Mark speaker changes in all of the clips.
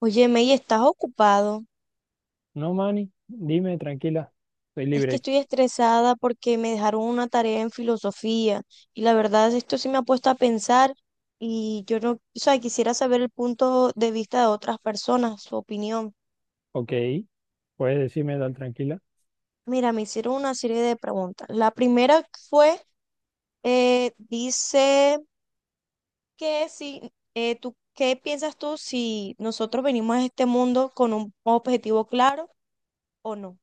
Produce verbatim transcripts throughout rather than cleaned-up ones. Speaker 1: Oye, May, ¿estás ocupado?
Speaker 2: No, Manny, dime tranquila, soy
Speaker 1: Es que
Speaker 2: libre.
Speaker 1: estoy estresada porque me dejaron una tarea en filosofía y la verdad esto sí me ha puesto a pensar y yo no, o sea, quisiera saber el punto de vista de otras personas, su opinión.
Speaker 2: Ok, puedes decirme tal tranquila.
Speaker 1: Mira, me hicieron una serie de preguntas. La primera fue, eh, dice que si, eh, tú, ¿qué piensas tú si nosotros venimos a este mundo con un objetivo claro o no?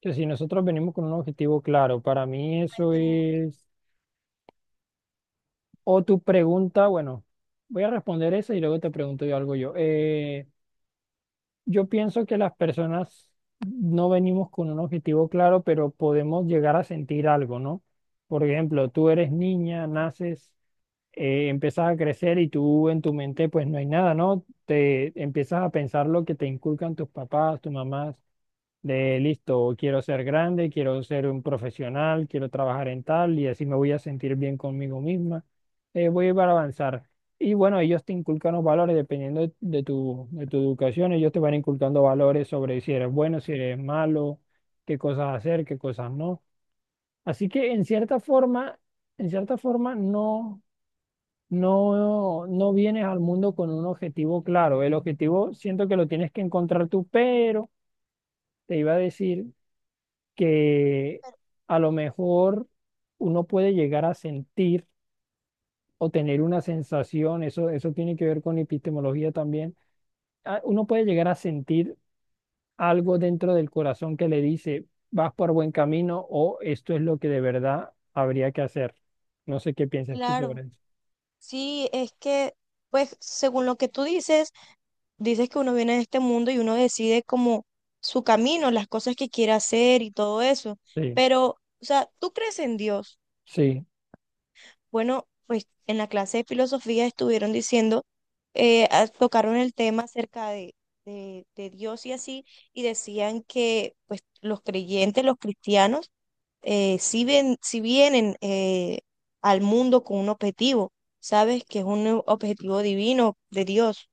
Speaker 2: Que si nosotros venimos con un objetivo claro, para mí
Speaker 1: A
Speaker 2: eso
Speaker 1: este mundo.
Speaker 2: es... O tu pregunta, bueno, voy a responder esa y luego te pregunto yo algo yo. Eh, yo pienso que las personas no venimos con un objetivo claro, pero podemos llegar a sentir algo, ¿no? Por ejemplo, tú eres niña, naces. Eh, empiezas a crecer y tú en tu mente pues no hay nada, ¿no? Te empiezas a pensar lo que te inculcan tus papás, tus mamás, de listo, quiero ser grande, quiero ser un profesional, quiero trabajar en tal y así me voy a sentir bien conmigo misma, eh, voy a ir para avanzar. Y bueno, ellos te inculcan los valores dependiendo de, de tu, de tu educación, ellos te van inculcando valores sobre si eres bueno, si eres malo, qué cosas hacer, qué cosas no. Así que en cierta forma, en cierta forma no no, no vienes al mundo con un objetivo claro. El objetivo siento que lo tienes que encontrar tú, pero te iba a decir que a lo mejor uno puede llegar a sentir o tener una sensación, eso, eso tiene que ver con epistemología también. Ah, Uno puede llegar a sentir algo dentro del corazón que le dice, vas por buen camino o esto es lo que de verdad habría que hacer. No sé qué piensas tú
Speaker 1: Claro.
Speaker 2: sobre eso.
Speaker 1: Sí, es que, pues, según lo que tú dices, dices que uno viene de este mundo y uno decide como su camino, las cosas que quiere hacer y todo eso.
Speaker 2: Sí,
Speaker 1: Pero, o sea, ¿tú crees en Dios?
Speaker 2: sí.
Speaker 1: Bueno, pues en la clase de filosofía estuvieron diciendo, eh, ah, tocaron el tema acerca de, de, de Dios y así, y decían que, pues, los creyentes, los cristianos, eh, si ven, si vienen eh, al mundo con un objetivo, sabes que es un objetivo divino de Dios,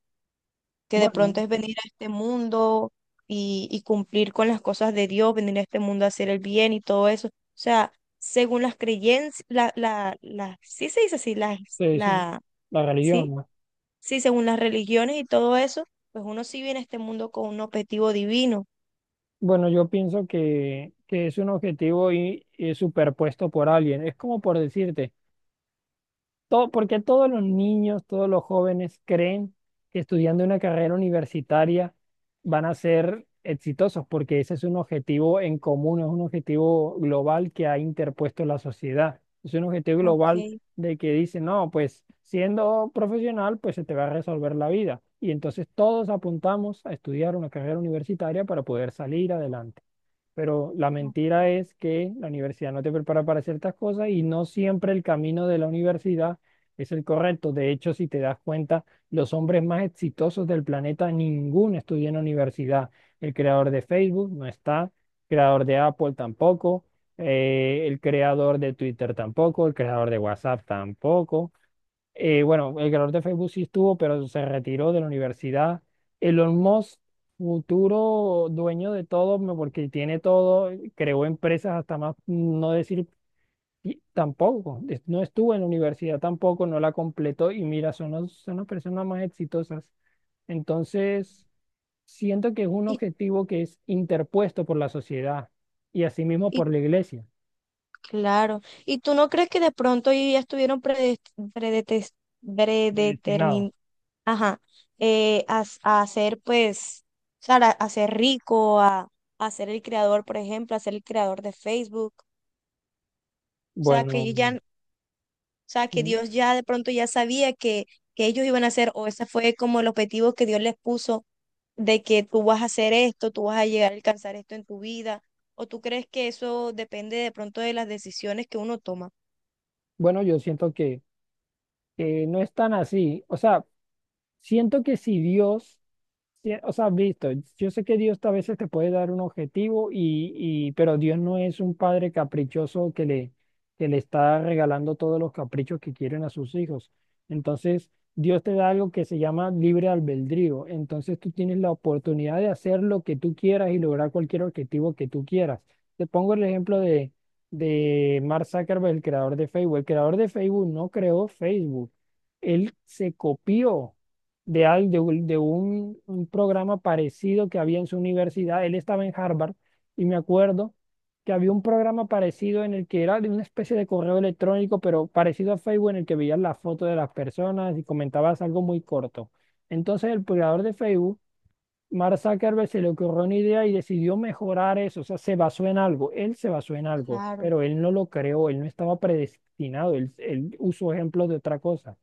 Speaker 1: que de
Speaker 2: Bueno.
Speaker 1: pronto es venir a este mundo y, y cumplir con las cosas de Dios, venir a este mundo a hacer el bien y todo eso. O sea, según las creencias, la, la, la, sí se dice así, la,
Speaker 2: Sí, sí,
Speaker 1: la,
Speaker 2: la
Speaker 1: sí,
Speaker 2: religión, ¿no?
Speaker 1: sí, según las religiones y todo eso, pues uno sí viene a este mundo con un objetivo divino.
Speaker 2: Bueno, yo pienso que, que es un objetivo y, y superpuesto por alguien. Es como por decirte. Todo, porque todos los niños, todos los jóvenes creen que estudiando una carrera universitaria van a ser exitosos, porque ese es un objetivo en común, es un objetivo global que ha interpuesto la sociedad. Es un objetivo global
Speaker 1: Ok.
Speaker 2: de que dice, no, pues siendo profesional, pues se te va a resolver la vida. Y entonces todos apuntamos a estudiar una carrera universitaria para poder salir adelante. Pero la mentira es que la universidad no te prepara para ciertas cosas y no siempre el camino de la universidad es el correcto. De hecho, si te das cuenta, los hombres más exitosos del planeta, ninguno estudia en la universidad. El creador de Facebook no está, el creador de Apple tampoco, eh, el creador de Twitter tampoco, el creador de WhatsApp tampoco. Eh, bueno, el creador de Facebook sí estuvo, pero se retiró de la universidad. Elon Musk, futuro dueño de todo, me- porque tiene todo, creó empresas hasta más, no decir y tampoco, es- no estuvo en la universidad tampoco, no la completó y mira, son las, son las personas más exitosas. Entonces, siento que es un
Speaker 1: ¿Y,
Speaker 2: objetivo que es interpuesto por la sociedad y asimismo
Speaker 1: y
Speaker 2: por la iglesia,
Speaker 1: Claro. ¿Y tú no crees que de pronto ellos ya estuvieron predes- predetes-
Speaker 2: predestinado.
Speaker 1: predetermin- ajá, eh, a, s- a ser pues, o sea, a, a ser rico, a, a ser el creador, por ejemplo, a ser el creador de Facebook? O sea, que
Speaker 2: Bueno,
Speaker 1: ellos ya, n- o sea, que
Speaker 2: sí,
Speaker 1: Dios ya de pronto ya sabía que, que ellos iban a hacer o ese fue como el objetivo que Dios les puso, de que tú vas a hacer esto, tú vas a llegar a alcanzar esto en tu vida. ¿O tú crees que eso depende de pronto de las decisiones que uno toma?
Speaker 2: bueno, yo siento que... eh, no es tan así. O sea, siento que si Dios sí. O sea, visto, yo sé que Dios a veces te puede dar un objetivo y, y pero Dios no es un padre caprichoso que le, que le está regalando todos los caprichos que quieren a sus hijos. Entonces, Dios te da algo que se llama libre albedrío. Entonces, tú tienes la oportunidad de hacer lo que tú quieras y lograr cualquier objetivo que tú quieras. Te pongo el ejemplo de, de Mark Zuckerberg, el creador de Facebook. El creador de Facebook no creó Facebook. Él se copió de, al- de un, de un- un programa parecido que había en su universidad. Él estaba en Harvard y me acuerdo que había un programa parecido en el que era de una especie de correo electrónico, pero parecido a Facebook, en el que veías las fotos de las personas y comentabas algo muy corto. Entonces el creador de Facebook, Mark Zuckerberg, se le ocurrió una idea y decidió mejorar eso. O sea, se basó en algo. Él se basó en algo,
Speaker 1: Claro.
Speaker 2: pero él no lo creó, él no estaba predestinado, él, él usó ejemplos de otra cosa.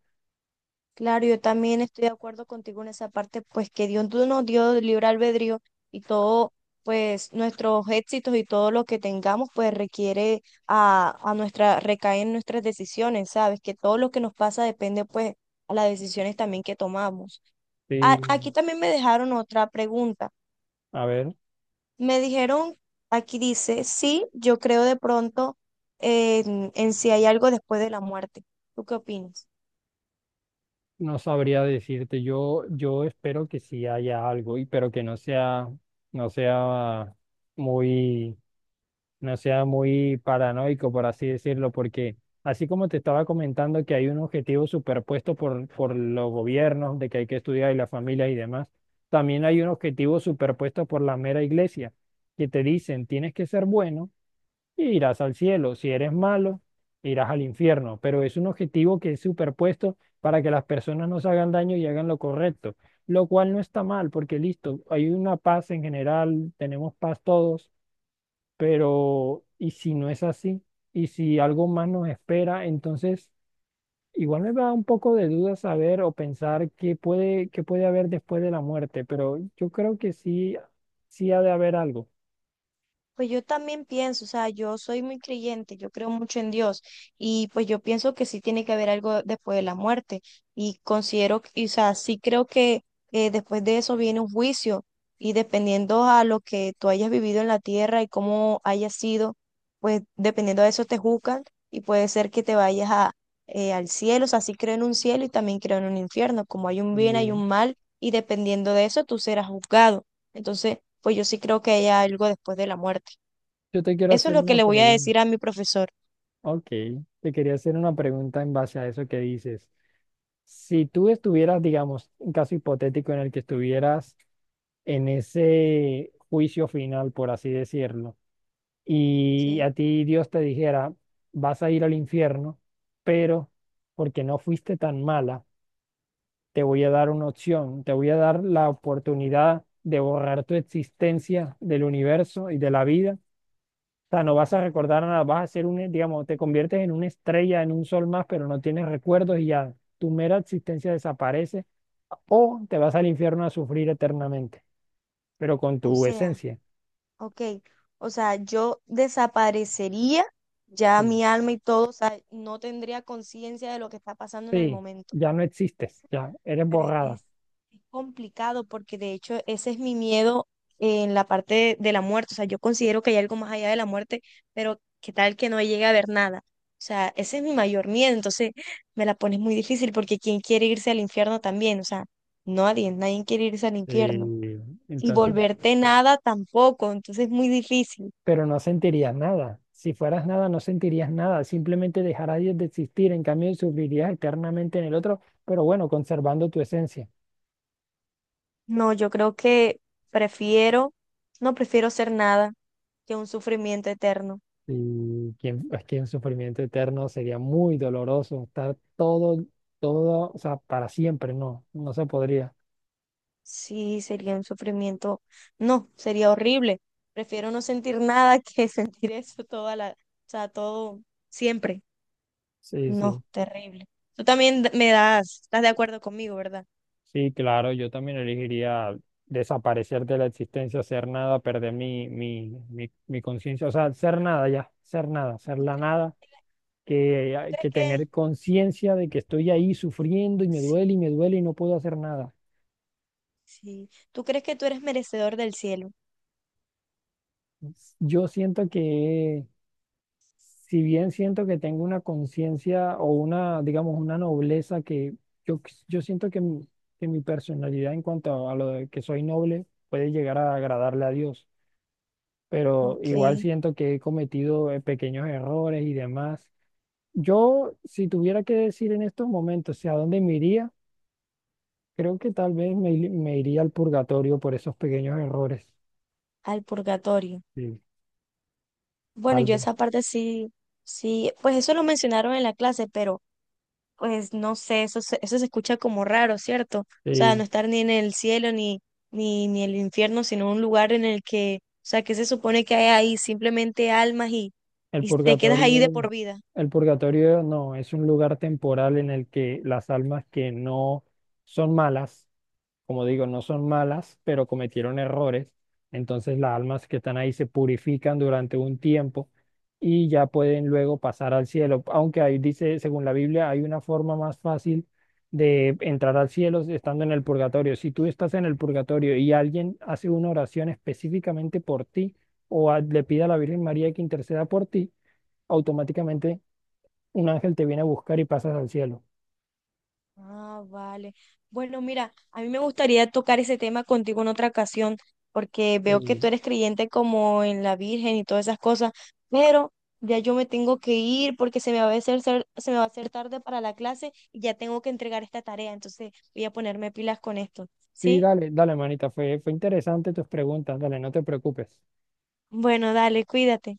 Speaker 1: Claro, yo también estoy de acuerdo contigo en esa parte, pues que Dios nos dio libre albedrío y todo, pues nuestros éxitos y todo lo que tengamos, pues requiere a, a nuestra, recae en nuestras decisiones, ¿sabes? Que todo lo que nos pasa depende, pues, a las decisiones también que tomamos. A-
Speaker 2: Sí,
Speaker 1: aquí también me dejaron otra pregunta.
Speaker 2: a ver.
Speaker 1: Me dijeron, aquí dice, sí, yo creo de pronto en, en si hay algo después de la muerte. ¿Tú qué opinas?
Speaker 2: No sabría decirte, yo, yo espero que sí haya algo, y, pero que no sea, no sea muy, no sea muy paranoico, por así decirlo, porque así como te estaba comentando que hay un objetivo superpuesto por, por los gobiernos, de que hay que estudiar y las familias y demás, también hay un objetivo superpuesto por la mera iglesia, que te dicen, tienes que ser bueno, y irás al cielo. Si eres malo, irás al infierno. Pero es un objetivo que es superpuesto para que las personas no se hagan daño y hagan lo correcto, lo cual no está mal, porque listo, hay una paz en general, tenemos paz todos, pero ¿y si no es así? ¿Y si algo más nos espera? Entonces, igual me da un poco de duda saber o pensar qué puede, qué puede haber después de la muerte, pero yo creo que sí, sí ha de haber algo.
Speaker 1: Pues yo también pienso, o sea, yo soy muy creyente, yo creo mucho en Dios y pues yo pienso que sí tiene que haber algo después de la muerte y considero, que- y, o sea, sí creo que eh, después de eso viene un juicio y dependiendo a lo que tú hayas vivido en la tierra y cómo hayas sido, pues dependiendo de eso te juzgan y puede ser que te vayas a, eh, al cielo, o sea, sí creo en un cielo y también creo en un infierno, como hay un bien, hay
Speaker 2: Eh,
Speaker 1: un mal y dependiendo de eso tú serás juzgado. Entonces, pues yo sí creo que hay algo después de la muerte.
Speaker 2: yo te quiero
Speaker 1: Eso es
Speaker 2: hacer
Speaker 1: lo que
Speaker 2: una
Speaker 1: le voy a
Speaker 2: pregunta.
Speaker 1: decir a mi profesor.
Speaker 2: Ok, te quería hacer una pregunta en base a eso que dices. Si tú estuvieras, digamos, un caso hipotético en el que estuvieras en ese juicio final, por así decirlo, y
Speaker 1: Sí,
Speaker 2: a ti Dios te dijera, vas a ir al infierno, pero porque no fuiste tan mala, te voy a dar una opción, te voy a dar la oportunidad de borrar tu existencia del universo y de la vida. O sea, no vas a recordar nada, vas a ser un, digamos, te conviertes en una estrella, en un sol más, pero no tienes recuerdos y ya tu mera existencia desaparece o te vas al infierno a sufrir eternamente, pero con
Speaker 1: o
Speaker 2: tu
Speaker 1: sea,
Speaker 2: esencia.
Speaker 1: ok, o sea, yo desaparecería ya
Speaker 2: Sí.
Speaker 1: mi alma y todo, o sea, no tendría conciencia de lo que está pasando en el
Speaker 2: Sí,
Speaker 1: momento.
Speaker 2: ya no existes, ya eres
Speaker 1: Pero
Speaker 2: borrada.
Speaker 1: es, es complicado porque de hecho ese es mi miedo en la parte de, de la muerte. O sea, yo considero que hay algo más allá de la muerte, pero qué tal que no llegue a ver nada. O sea, ese es mi mayor miedo. Entonces me la pones muy difícil porque ¿quién quiere irse al infierno también? O sea, nadie, nadie quiere irse al infierno.
Speaker 2: Eh,
Speaker 1: Y
Speaker 2: entonces,
Speaker 1: volverte nada tampoco. Entonces es muy difícil.
Speaker 2: pero no sentirías nada. Si fueras nada, no sentirías nada. Simplemente dejarías de existir. En cambio, sufrirías eternamente en el otro, pero bueno, conservando tu esencia.
Speaker 1: No, yo creo que prefiero, no prefiero ser nada que un sufrimiento eterno.
Speaker 2: Y que, es que un sufrimiento eterno sería muy doloroso, estar todo, todo, o sea, para siempre, no, no se podría.
Speaker 1: Sí, sería un sufrimiento. No, sería horrible. Prefiero no sentir nada que sentir eso toda la, o sea, todo siempre.
Speaker 2: Sí, sí,
Speaker 1: No, terrible. Tú también d- me das, estás de acuerdo conmigo, ¿verdad?
Speaker 2: sí, claro, yo también elegiría desaparecer de la existencia, ser nada, perder mi, mi, mi, mi conciencia, o sea, ser nada ya, ser nada, ser
Speaker 1: ¿Tú
Speaker 2: la
Speaker 1: crees que,
Speaker 2: nada,
Speaker 1: tú
Speaker 2: que,
Speaker 1: crees
Speaker 2: que
Speaker 1: que-
Speaker 2: tener conciencia de que estoy ahí sufriendo y me
Speaker 1: sí,
Speaker 2: duele y me duele y no puedo hacer nada.
Speaker 1: sí. ¿Tú crees que tú eres merecedor del cielo?
Speaker 2: Yo siento que si bien siento que tengo una conciencia o una, digamos, una nobleza que yo, yo siento que mi, que mi personalidad en cuanto a, lo de que soy noble puede llegar a agradarle a Dios, pero
Speaker 1: Ok,
Speaker 2: igual siento que he cometido eh, pequeños errores y demás. Yo, si tuviera que decir en estos momentos, o sea, ¿a dónde me iría? Creo que tal vez me, ir- me iría al purgatorio por esos pequeños errores.
Speaker 1: al purgatorio.
Speaker 2: Sí,
Speaker 1: Bueno,
Speaker 2: tal
Speaker 1: yo
Speaker 2: vez.
Speaker 1: esa parte sí, sí, pues eso lo mencionaron en la clase, pero pues no sé, eso se, eso se escucha como raro, ¿cierto? O sea, no
Speaker 2: Sí.
Speaker 1: estar ni en el cielo ni, ni, ni el infierno, sino un lugar en el que, o sea, que se supone que hay ahí simplemente almas y,
Speaker 2: El
Speaker 1: y te quedas ahí de
Speaker 2: purgatorio,
Speaker 1: por vida.
Speaker 2: el purgatorio no, es un lugar temporal en el que las almas que no son malas, como digo, no son malas, pero cometieron errores, entonces las almas que están ahí se purifican durante un tiempo y ya pueden luego pasar al cielo. Aunque ahí dice, según la Biblia, hay una forma más fácil de entrar al cielo estando en el purgatorio. Si tú estás en el purgatorio y alguien hace una oración específicamente por ti o a- le pide a la Virgen María que interceda por ti, automáticamente un ángel te viene a buscar y pasas al cielo.
Speaker 1: Ah, vale. Bueno, mira, a mí me gustaría tocar ese tema contigo en otra ocasión, porque veo que tú
Speaker 2: Sí.
Speaker 1: eres creyente como en la Virgen y todas esas cosas, pero ya yo me tengo que ir porque se me va a hacer, ser- se me va a hacer tarde para la clase y ya tengo que entregar esta tarea, entonces voy a ponerme pilas con esto,
Speaker 2: Sí,
Speaker 1: ¿sí?
Speaker 2: dale, dale, manita, fue, fue interesante tus preguntas, dale, no te preocupes.
Speaker 1: Bueno, dale, cuídate.